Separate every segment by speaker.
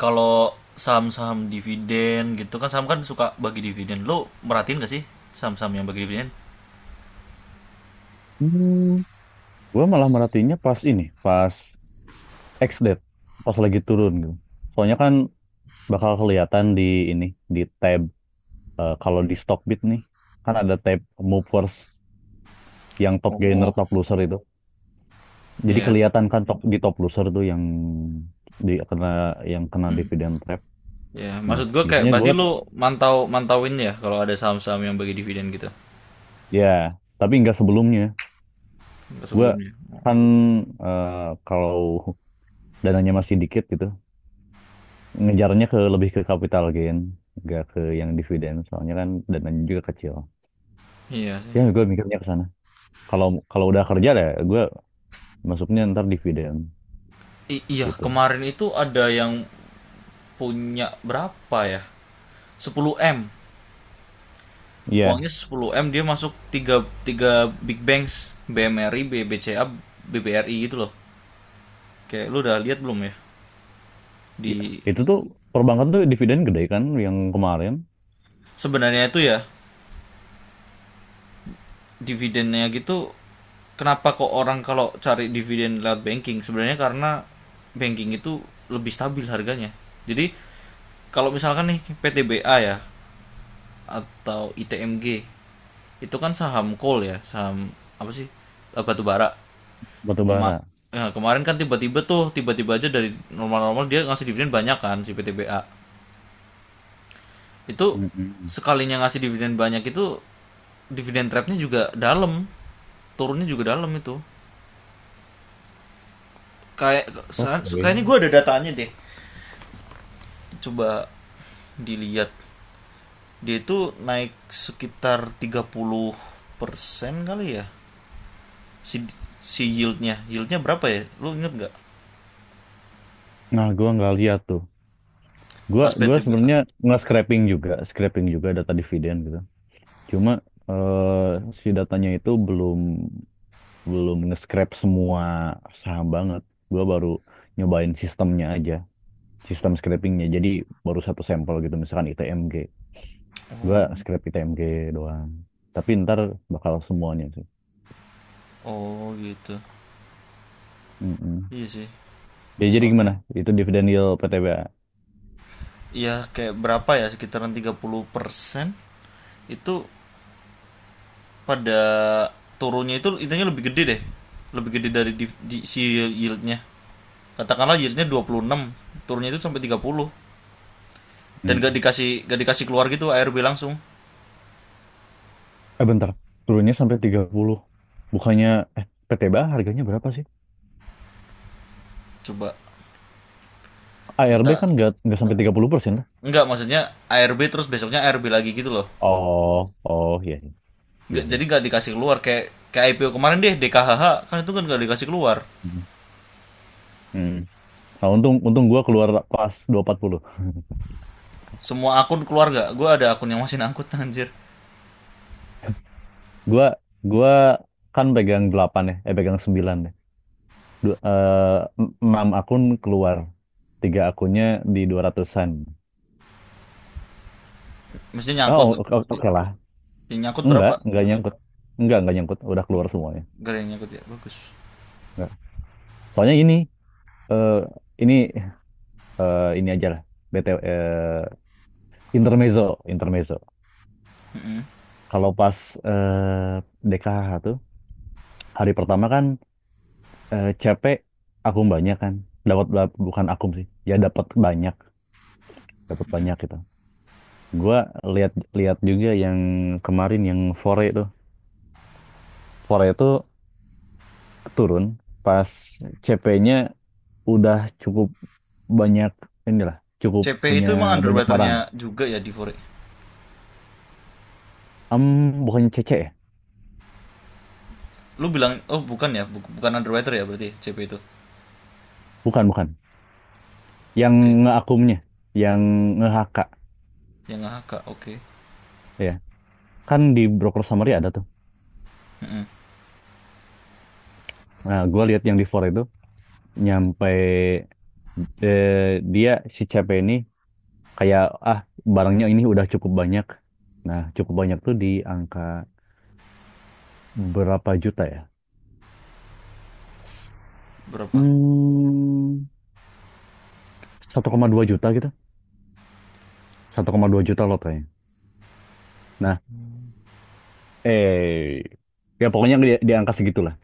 Speaker 1: Kalau saham-saham dividen gitu kan, saham kan suka bagi dividen. Lo merhatiin gak sih saham-saham yang bagi dividen?
Speaker 2: Hmm, gue malah merhatiinnya pas ini, pas X-Date, pas lagi turun gitu. Soalnya kan bakal kelihatan di ini, di tab kalau di Stockbit nih, kan ada tab movers yang top gainer,
Speaker 1: Oh,
Speaker 2: top loser itu. Jadi
Speaker 1: iya.
Speaker 2: kelihatan kan top di top loser tuh yang di kena yang kena
Speaker 1: Hmm.
Speaker 2: dividend trap.
Speaker 1: Ya,
Speaker 2: Nah,
Speaker 1: maksud gue kayak
Speaker 2: biasanya gue
Speaker 1: berarti lo mantauin ya kalau ada saham-saham yang bagi dividen gitu
Speaker 2: ya, tapi nggak sebelumnya. Gue
Speaker 1: sebelumnya. Oh,
Speaker 2: kan eh, kalau dananya masih dikit gitu, ngejarnya ke lebih ke capital gain, nggak ke yang dividen. Soalnya kan dananya juga kecil.
Speaker 1: iya sih.
Speaker 2: Ya, gue mikirnya ke sana. Kalau kalau udah kerja deh, gue masuknya ntar dividen
Speaker 1: Iya,
Speaker 2: gitu.
Speaker 1: kemarin itu ada yang punya berapa ya? Sepuluh m. Uangnya
Speaker 2: Iya,
Speaker 1: sepuluh m, dia masuk 3 tiga big banks, BMRI, BBCA, BBRI gitu loh. Kayak lu udah lihat belum ya
Speaker 2: iya.
Speaker 1: di
Speaker 2: Itu tuh perbankan tuh dividen gede kan yang kemarin
Speaker 1: sebenarnya itu ya dividennya gitu. Kenapa kok orang kalau cari dividen lewat banking? Sebenarnya karena banking itu lebih stabil harganya. Jadi kalau misalkan nih PTBA ya, atau ITMG, itu kan saham coal ya, saham apa sih, eh, batu bara.
Speaker 2: batu
Speaker 1: Kema
Speaker 2: bara.
Speaker 1: Ya, kemarin kan tiba-tiba tuh, tiba-tiba aja dari normal-normal dia ngasih dividen banyak kan si PTBA itu.
Speaker 2: Mm-mm.
Speaker 1: Sekalinya ngasih dividen banyak itu, dividen trapnya juga dalam, turunnya juga dalam itu, kayak kayaknya gue
Speaker 2: Oke.
Speaker 1: ada datanya deh. Coba dilihat. Dia itu naik sekitar 30% kali ya. Si si yieldnya yieldnya berapa ya, lu inget nggak
Speaker 2: Nah, gue nggak lihat tuh. Gue
Speaker 1: pas
Speaker 2: gue
Speaker 1: PTBA?
Speaker 2: sebenarnya nggak scraping juga, scraping juga data dividen gitu. Cuma si datanya itu belum belum nge-scrap semua saham banget. Gue baru nyobain sistemnya aja, sistem scrapingnya. Jadi baru satu sampel gitu, misalkan ITMG. Gue
Speaker 1: Oh.
Speaker 2: scrap ITMG doang. Tapi ntar bakal semuanya sih.
Speaker 1: Oh gitu.
Speaker 2: Mm-mm.
Speaker 1: Iya sih.
Speaker 2: Ya, jadi
Speaker 1: Soalnya
Speaker 2: gimana? Itu dividen yield PTBA.
Speaker 1: ya, kayak berapa ya, sekitaran 30% itu pada turunnya. Itu intinya lebih gede deh, lebih gede dari si yieldnya. Katakanlah yieldnya dua puluh enam, turunnya itu sampai tiga puluh, dan gak
Speaker 2: Hmm.
Speaker 1: dikasih gak dikasih keluar gitu, ARB langsung.
Speaker 2: Bentar, turunnya sampai 30. Bukannya, eh PTBA harganya berapa sih?
Speaker 1: Coba
Speaker 2: ARB
Speaker 1: kita,
Speaker 2: kan nggak sampai 30% lah.
Speaker 1: enggak, maksudnya ARB terus besoknya ARB lagi gitu loh.
Speaker 2: Oh, oh, iya, iya,
Speaker 1: Jadi
Speaker 2: iya.
Speaker 1: gak dikasih keluar kayak kayak IPO kemarin deh, DKHH, kan itu kan gak dikasih keluar.
Speaker 2: Hmm. Hmm. Nah, untung untung gua keluar pas 240.
Speaker 1: Semua akun keluar gak? Gue ada akun yang masih ngangkut. Anjir.
Speaker 2: Gua gua kan pegang 8 ya, pegang 9 deh. Dua, eh, Enam akun keluar. Tiga akunnya di 200-an.
Speaker 1: Maksudnya
Speaker 2: Oh,
Speaker 1: nyangkut.
Speaker 2: oke oke lah.
Speaker 1: Yang nyangkut berapa?
Speaker 2: Enggak nyangkut. Enggak nyangkut. Udah keluar semuanya.
Speaker 1: Gak ada yang nyangkut ya, bagus.
Speaker 2: Enggak. Soalnya eh ini ini aja lah. BTW intermezzo, intermezzo. Kalau pas eh, DKH tuh hari pertama kan CP akun banyak kan. Dapat bukan akum sih. Ya dapat banyak gitu. Gua lihat lihat juga yang kemarin yang Fore itu. Fore itu turun pas CP-nya udah cukup banyak inilah, cukup
Speaker 1: CP
Speaker 2: punya
Speaker 1: itu emang
Speaker 2: banyak
Speaker 1: underwaternya
Speaker 2: barang.
Speaker 1: juga ya di Fore?
Speaker 2: Em, Bukannya CC ya?
Speaker 1: Lu bilang, oh bukan ya, bukan underwriter ya berarti CP itu.
Speaker 2: Bukan, bukan. Yang
Speaker 1: Oke.
Speaker 2: ngeakumnya, yang nge-HK
Speaker 1: Yang AHK, oke.
Speaker 2: ya. Kan di broker summary ada tuh. Nah, gua lihat yang di Fore itu nyampe dia si CP ini kayak ah barangnya ini udah cukup banyak. Nah, cukup banyak tuh di angka berapa juta ya?
Speaker 1: Berapa?
Speaker 2: Hmm, 1,2 juta gitu. 1,2 juta lotanya. Nah, eh ya pokoknya di angka segitulah.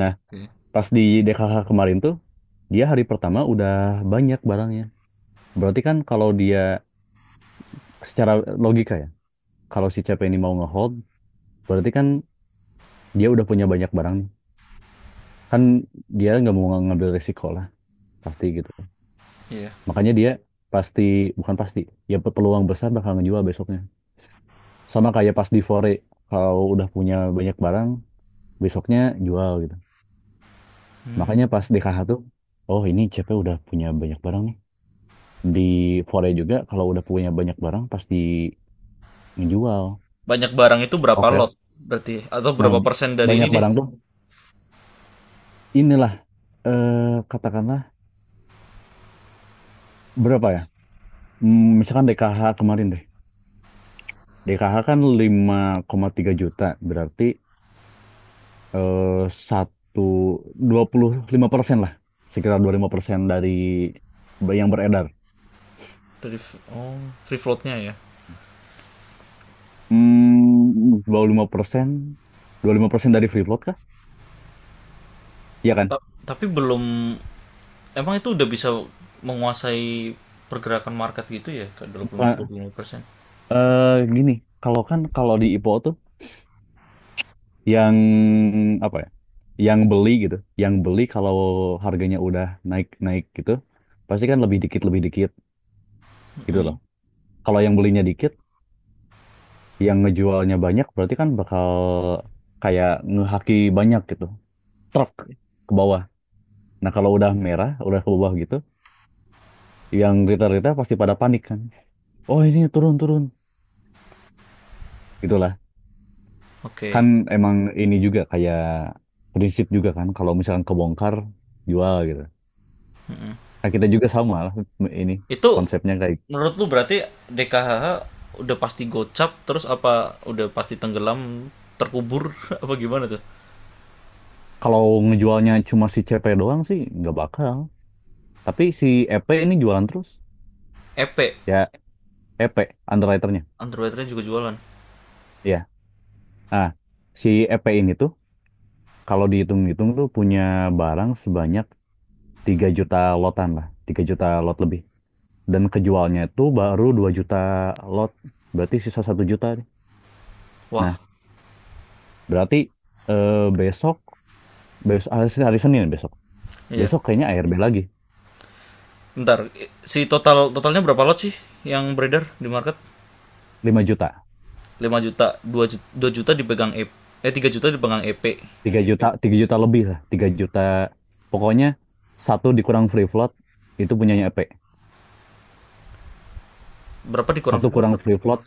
Speaker 2: Nah,
Speaker 1: Oke.
Speaker 2: pas di DKH kemarin tuh dia hari pertama udah banyak barangnya. Berarti kan kalau dia secara logika ya, kalau si CP ini mau ngehold, berarti kan dia udah punya banyak barang nih. Kan dia nggak mau ngambil resiko lah, pasti gitu.
Speaker 1: Iya.
Speaker 2: Makanya dia pasti bukan pasti, ya peluang besar bakal ngejual besoknya. Sama kayak pas di Fore, kalau udah punya banyak barang, besoknya jual gitu. Makanya
Speaker 1: Hmm.
Speaker 2: pas di KH tuh, oh ini CP udah punya banyak barang nih. Di Fore juga kalau udah punya banyak barang pasti ngejual.
Speaker 1: Banyak barang itu berapa
Speaker 2: Oke.
Speaker 1: lot berarti, atau
Speaker 2: Nah,
Speaker 1: berapa persen dari ini
Speaker 2: banyak
Speaker 1: deh?
Speaker 2: barang tuh inilah eh, katakanlah berapa ya? Hmm, misalkan DKH kemarin deh. DKH kan 5,3 juta, berarti eh, satu 25% lah, sekitar 25% dari yang beredar.
Speaker 1: Dari oh, free floatnya ya.
Speaker 2: Hmm, 25%, 25% dari free float kah? Iya kan?
Speaker 1: Tapi belum, emang itu udah bisa menguasai pergerakan market gitu ya, ke 20,
Speaker 2: Bukan-
Speaker 1: 25%?
Speaker 2: gini, kalau di IPO tuh yang apa ya? Yang beli gitu, yang beli kalau harganya udah naik-naik gitu, pasti kan lebih dikit gitu loh.
Speaker 1: Mm-mm.
Speaker 2: Kalau yang belinya dikit, yang ngejualnya banyak berarti kan bakal kayak ngehaki banyak gitu, truk ke bawah. Nah, kalau udah merah, udah ke bawah gitu, yang retail-retail pasti pada panik kan. Oh, ini turun-turun. Kan
Speaker 1: Oke.
Speaker 2: emang ini juga kayak prinsip juga kan kalau misalkan kebongkar jual gitu. Nah, kita juga sama lah ini
Speaker 1: Itu
Speaker 2: konsepnya kayak
Speaker 1: menurut lu berarti DKHH udah pasti gocap terus, apa udah pasti tenggelam terkubur apa gimana tuh?
Speaker 2: kalau ngejualnya cuma si CP doang sih nggak bakal. Tapi si EP ini jualan terus.
Speaker 1: EP.
Speaker 2: Ya EP underwriternya.
Speaker 1: Underwriter juga jualan.
Speaker 2: Iya. Ah, si EP ini tuh kalau dihitung-hitung tuh punya barang sebanyak 3 juta lotan lah, 3 juta lot lebih. Dan kejualnya itu baru 2 juta lot. Berarti sisa satu juta nih.
Speaker 1: Wah,
Speaker 2: Nah, berarti besok besok hari Senin besok.
Speaker 1: iya.
Speaker 2: Besok kayaknya ARB lagi
Speaker 1: Bentar, si totalnya berapa lot sih yang beredar di market?
Speaker 2: 5 juta,
Speaker 1: Lima juta, 2 juta, 2 juta dipegang EP, eh 3 juta dipegang EP.
Speaker 2: 3 juta, 3 juta lebih lah, 3 juta. Pokoknya satu dikurang free float itu punyanya EP.
Speaker 1: Berapa dikurang
Speaker 2: Satu
Speaker 1: freelot?
Speaker 2: kurang free float,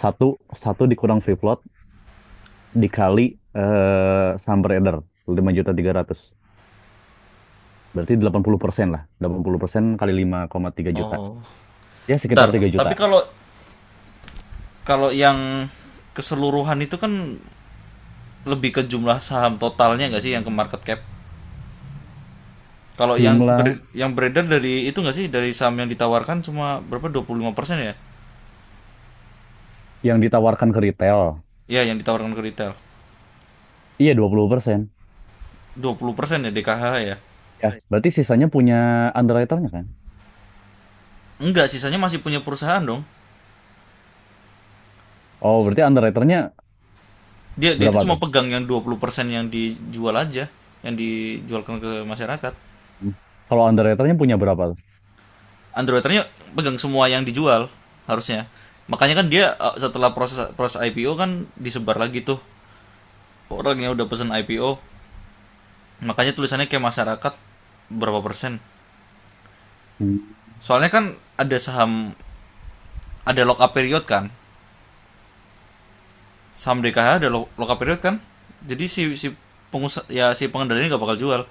Speaker 2: satu satu dikurang free float dikali sumber order 5 juta 300. Berarti 80% lah. 80% kali 5,3 juta.
Speaker 1: Oh.
Speaker 2: Ya sekitar
Speaker 1: Bentar,
Speaker 2: 3 juta.
Speaker 1: tapi kalau kalau yang keseluruhan itu kan lebih ke jumlah saham totalnya nggak sih, yang ke market cap? Kalau yang
Speaker 2: Jumlah
Speaker 1: yang beredar dari itu nggak sih, dari saham yang ditawarkan cuma berapa, 25% ya?
Speaker 2: yang ditawarkan ke retail.
Speaker 1: Ya, yang ditawarkan ke retail.
Speaker 2: Iya 20%.
Speaker 1: 20% ya DKH ya.
Speaker 2: Ya, berarti sisanya punya underwriternya kan?
Speaker 1: Enggak, sisanya masih punya perusahaan dong.
Speaker 2: Oh, berarti underwriternya
Speaker 1: Dia dia itu
Speaker 2: berapa
Speaker 1: cuma
Speaker 2: tuh?
Speaker 1: pegang yang 20% yang dijual aja, yang dijualkan ke masyarakat.
Speaker 2: Hmm. Kalau underwriternya punya berapa tuh?
Speaker 1: Android pegang semua yang dijual harusnya. Makanya kan dia, eh, setelah proses proses IPO kan disebar lagi tuh, orang yang udah pesan IPO. Makanya tulisannya kayak masyarakat berapa persen.
Speaker 2: Hmm.
Speaker 1: Soalnya kan ada saham, ada lock up period kan. Saham DKH ada lock up period kan. Jadi si si pengusaha ya si pengendalinya nggak bakal jual.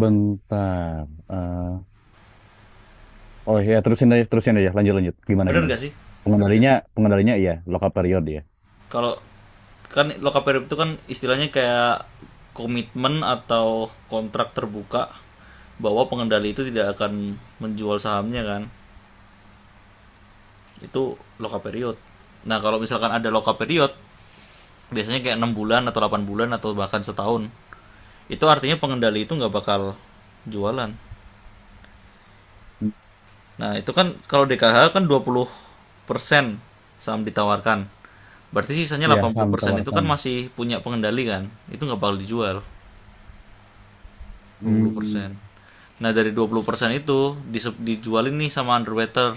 Speaker 2: Bentar. Oh ya, terusin aja, terusin aja. Lanjut, lanjut. Gimana,
Speaker 1: Bener
Speaker 2: gimana?
Speaker 1: gak sih?
Speaker 2: Pengendalinya iya, lock-up period ya.
Speaker 1: Kalau, kan lokaperip itu kan istilahnya kayak komitmen atau kontrak terbuka bahwa pengendali itu tidak akan menjual sahamnya kan, itu loka period. Nah kalau misalkan ada loka period, biasanya kayak 6 bulan atau 8 bulan atau bahkan setahun, itu artinya pengendali itu nggak bakal jualan.
Speaker 2: Hmm.
Speaker 1: Nah itu kan kalau DKH kan 20% saham ditawarkan, berarti sisanya
Speaker 2: Ya,
Speaker 1: delapan puluh
Speaker 2: saham
Speaker 1: persen itu kan
Speaker 2: ditawarkan.
Speaker 1: masih punya pengendali, kan itu nggak bakal dijual. Dua puluh persen.
Speaker 2: Hmm.
Speaker 1: Nah, dari 20% itu dijualin nih sama underwater.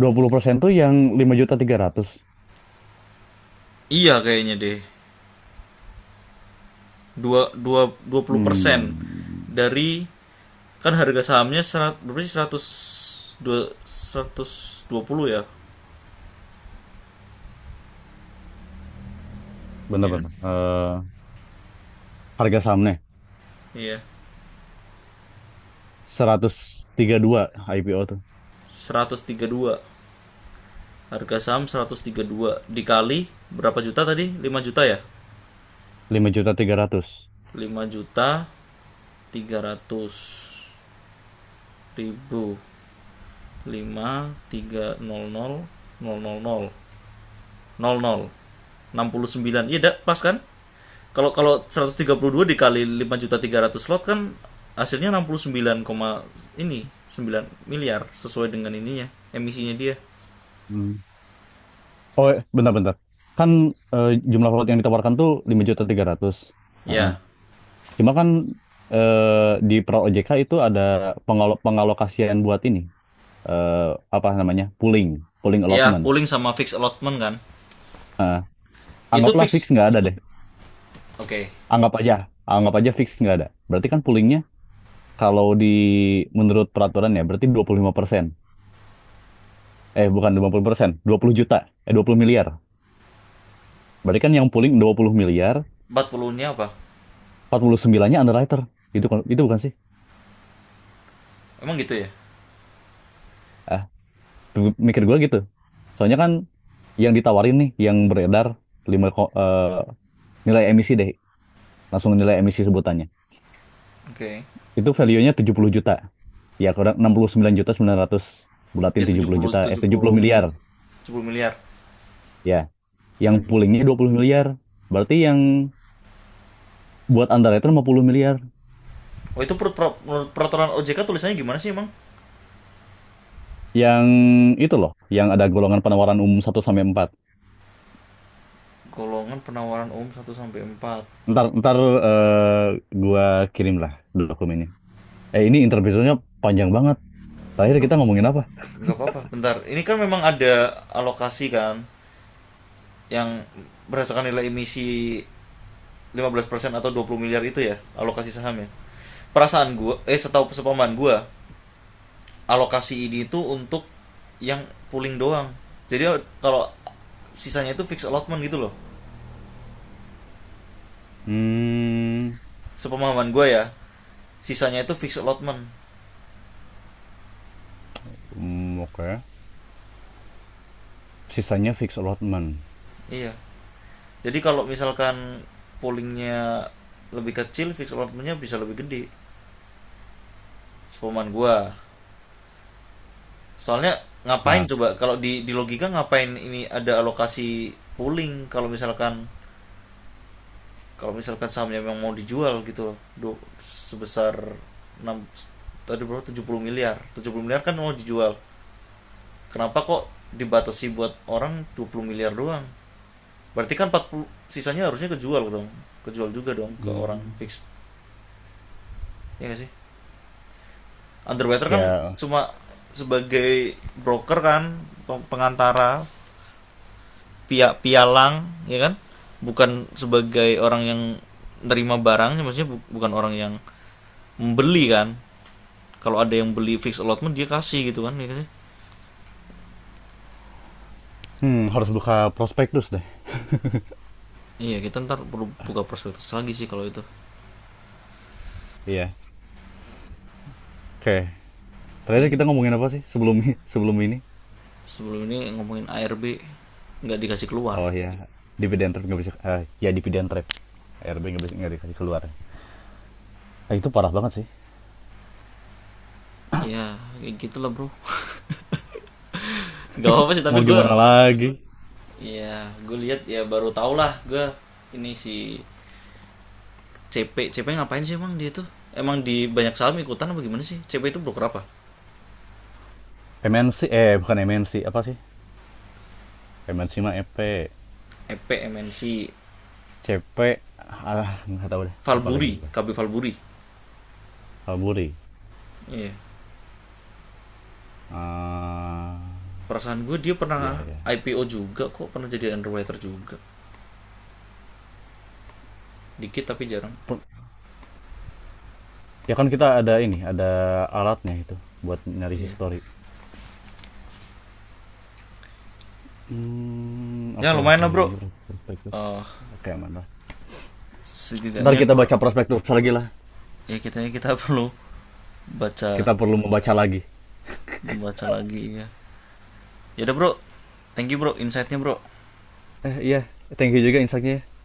Speaker 2: 20% tuh yang 5.300.
Speaker 1: Iya kayaknya deh. Dua, dua, persen
Speaker 2: Hmm.
Speaker 1: dari, kan harga sahamnya seratus berapa sih, 100 dua- ratus dua puluh ya?
Speaker 2: Bentar,
Speaker 1: Iya kan?
Speaker 2: bentar. Harga sahamnya
Speaker 1: Iya.
Speaker 2: 132 IPO tuh.
Speaker 1: 132. Harga saham 132 dikali berapa juta tadi? Lima juta ya?
Speaker 2: Lima juta tiga ratus.
Speaker 1: 5.300.000. Lima tiga nol nol nol nol nol, enam puluh sembilan. Iya dak pas kan? Kalau kalau 132 dikali lima juta tiga ratus slot kan, hasilnya 69 koma ini 9 miliar, sesuai dengan ininya emisinya dia.
Speaker 2: Oh, bentar-bentar. Kan jumlah lot yang ditawarkan tuh 5 juta 300. Heeh.
Speaker 1: Ya.
Speaker 2: Cuma kan di Pro OJK itu ada pengalokasian buat ini. eh, apa namanya? Pooling, pooling
Speaker 1: Ya,
Speaker 2: allotment.
Speaker 1: pooling sama fixed allotment kan,
Speaker 2: Heeh.
Speaker 1: itu
Speaker 2: Anggaplah fix
Speaker 1: fix.
Speaker 2: nggak ada deh.
Speaker 1: Oke. Okay.
Speaker 2: Anggap aja, anggap aja fix nggak ada. Berarti kan poolingnya kalau di menurut peraturan ya berarti 25%. Eh bukan dua puluh persen, 20 juta. Eh 20 miliar. Berarti kan yang pooling 20 miliar,
Speaker 1: Empat puluh nya apa?
Speaker 2: 49-nya underwriter. Itu itu bukan sih?
Speaker 1: Emang gitu ya.
Speaker 2: Tuh, mikir gue gitu. Soalnya kan yang ditawarin nih, yang beredar 5 ko- eh, nilai emisi deh, langsung nilai emisi sebutannya.
Speaker 1: Oke. Okay.
Speaker 2: Itu value-nya 70 juta. Ya, kurang 69 juta 900 bulatin
Speaker 1: Ya,
Speaker 2: tujuh
Speaker 1: tujuh tujuh
Speaker 2: puluh
Speaker 1: puluh
Speaker 2: juta, eh
Speaker 1: tujuh
Speaker 2: 70
Speaker 1: puluh
Speaker 2: miliar.
Speaker 1: tujuh puluh miliar.
Speaker 2: Ya, yang
Speaker 1: Mm.
Speaker 2: poolingnya 20 miliar. Berarti yang buat Andara itu 50 miliar.
Speaker 1: Oh itu menurut peraturan OJK tulisannya gimana sih emang?
Speaker 2: Yang itu loh, yang ada golongan penawaran umum satu sampai empat.
Speaker 1: Golongan penawaran umum satu sampai empat.
Speaker 2: Ntar, ntar eh, gua kirim lah dokumennya. Ini interview panjang banget. Terakhir kita ngomongin apa?
Speaker 1: Nggak apa-apa bentar, ini kan memang ada alokasi kan yang berdasarkan nilai emisi 15% atau 20 miliar, itu ya alokasi saham ya. Perasaan gua, eh, setahu sepaman gua, alokasi ini itu untuk yang pooling doang, jadi kalau sisanya itu fixed allotment gitu loh.
Speaker 2: Hmm.
Speaker 1: Sepemahaman gua ya, sisanya itu fixed allotment.
Speaker 2: Hmm, oke. Sisanya fixed allotment.
Speaker 1: Iya, jadi kalau misalkan poolingnya lebih kecil, fixed allotmentnya bisa lebih gede. Sepemahaman gua. Soalnya ngapain
Speaker 2: Nah,
Speaker 1: coba, kalau di logika, ngapain ini ada alokasi pooling kalau misalkan, sahamnya memang mau dijual gitu loh. Sebesar enam, tadi berapa, 70 miliar. 70 miliar kan mau dijual. Kenapa kok dibatasi buat orang 20 miliar doang? Berarti kan 40 sisanya harusnya kejual dong. Kejual juga dong ke orang
Speaker 2: hmm.
Speaker 1: fix. Ya nggak sih? Underwriter kan
Speaker 2: Ya,
Speaker 1: cuma sebagai broker kan, pengantara, pialang ya kan, bukan sebagai orang yang nerima barangnya, maksudnya bukan orang yang membeli kan. Kalau ada yang beli fix allotment, dia kasih gitu kan, ya kan.
Speaker 2: harus buka prospektus deh.
Speaker 1: Iya, kita ntar perlu buka prospektus lagi sih kalau itu.
Speaker 2: Iya. Oke.
Speaker 1: Ya,
Speaker 2: Terakhir kita ngomongin apa sih sebelum sebelum ini?
Speaker 1: sebelum ini ngomongin ARB nggak dikasih keluar.
Speaker 2: Oh ya, dividend trap nggak bisa. Ya dividend trap. RB nggak bisa nggak dikasih keluar. Itu parah banget sih.
Speaker 1: Iya, kayak gitulah bro. Nggak apa sih tapi
Speaker 2: Mau
Speaker 1: gue,
Speaker 2: gimana lagi?
Speaker 1: ya gue lihat ya, baru tau lah gue, ini si CP CP ngapain sih emang dia tuh, emang di banyak saham ikutan apa, gimana sih CP itu? Broker apa?
Speaker 2: MNC eh bukan MNC apa sih? MNC mah EP,
Speaker 1: EP MNC,
Speaker 2: CP, ah nggak tahu deh. Lupa lagi
Speaker 1: Valburi,
Speaker 2: gue.
Speaker 1: KB Valburi.
Speaker 2: Kalburi.
Speaker 1: Iya
Speaker 2: Ah,
Speaker 1: perasaan gue dia
Speaker 2: ya
Speaker 1: pernah
Speaker 2: ya.
Speaker 1: IPO juga kok, pernah jadi underwriter juga, dikit tapi jarang.
Speaker 2: Per- Ya kan kita ada ini, ada alatnya itu buat nyari
Speaker 1: Iya.
Speaker 2: history. Hmm,
Speaker 1: Ya
Speaker 2: oke okay,
Speaker 1: lumayan
Speaker 2: oke,
Speaker 1: lah
Speaker 2: okay.
Speaker 1: bro.
Speaker 2: Ini prospektus.
Speaker 1: Eh,
Speaker 2: Oke, okay, mana? Ntar
Speaker 1: setidaknya
Speaker 2: kita
Speaker 1: gue,
Speaker 2: baca prospektus lagi lah.
Speaker 1: ya kita kita perlu baca
Speaker 2: Kita perlu membaca lagi.
Speaker 1: baca lagi ya. Ya udah bro, thank you bro insightnya bro.
Speaker 2: Eh iya, thank you juga insight-nya ya.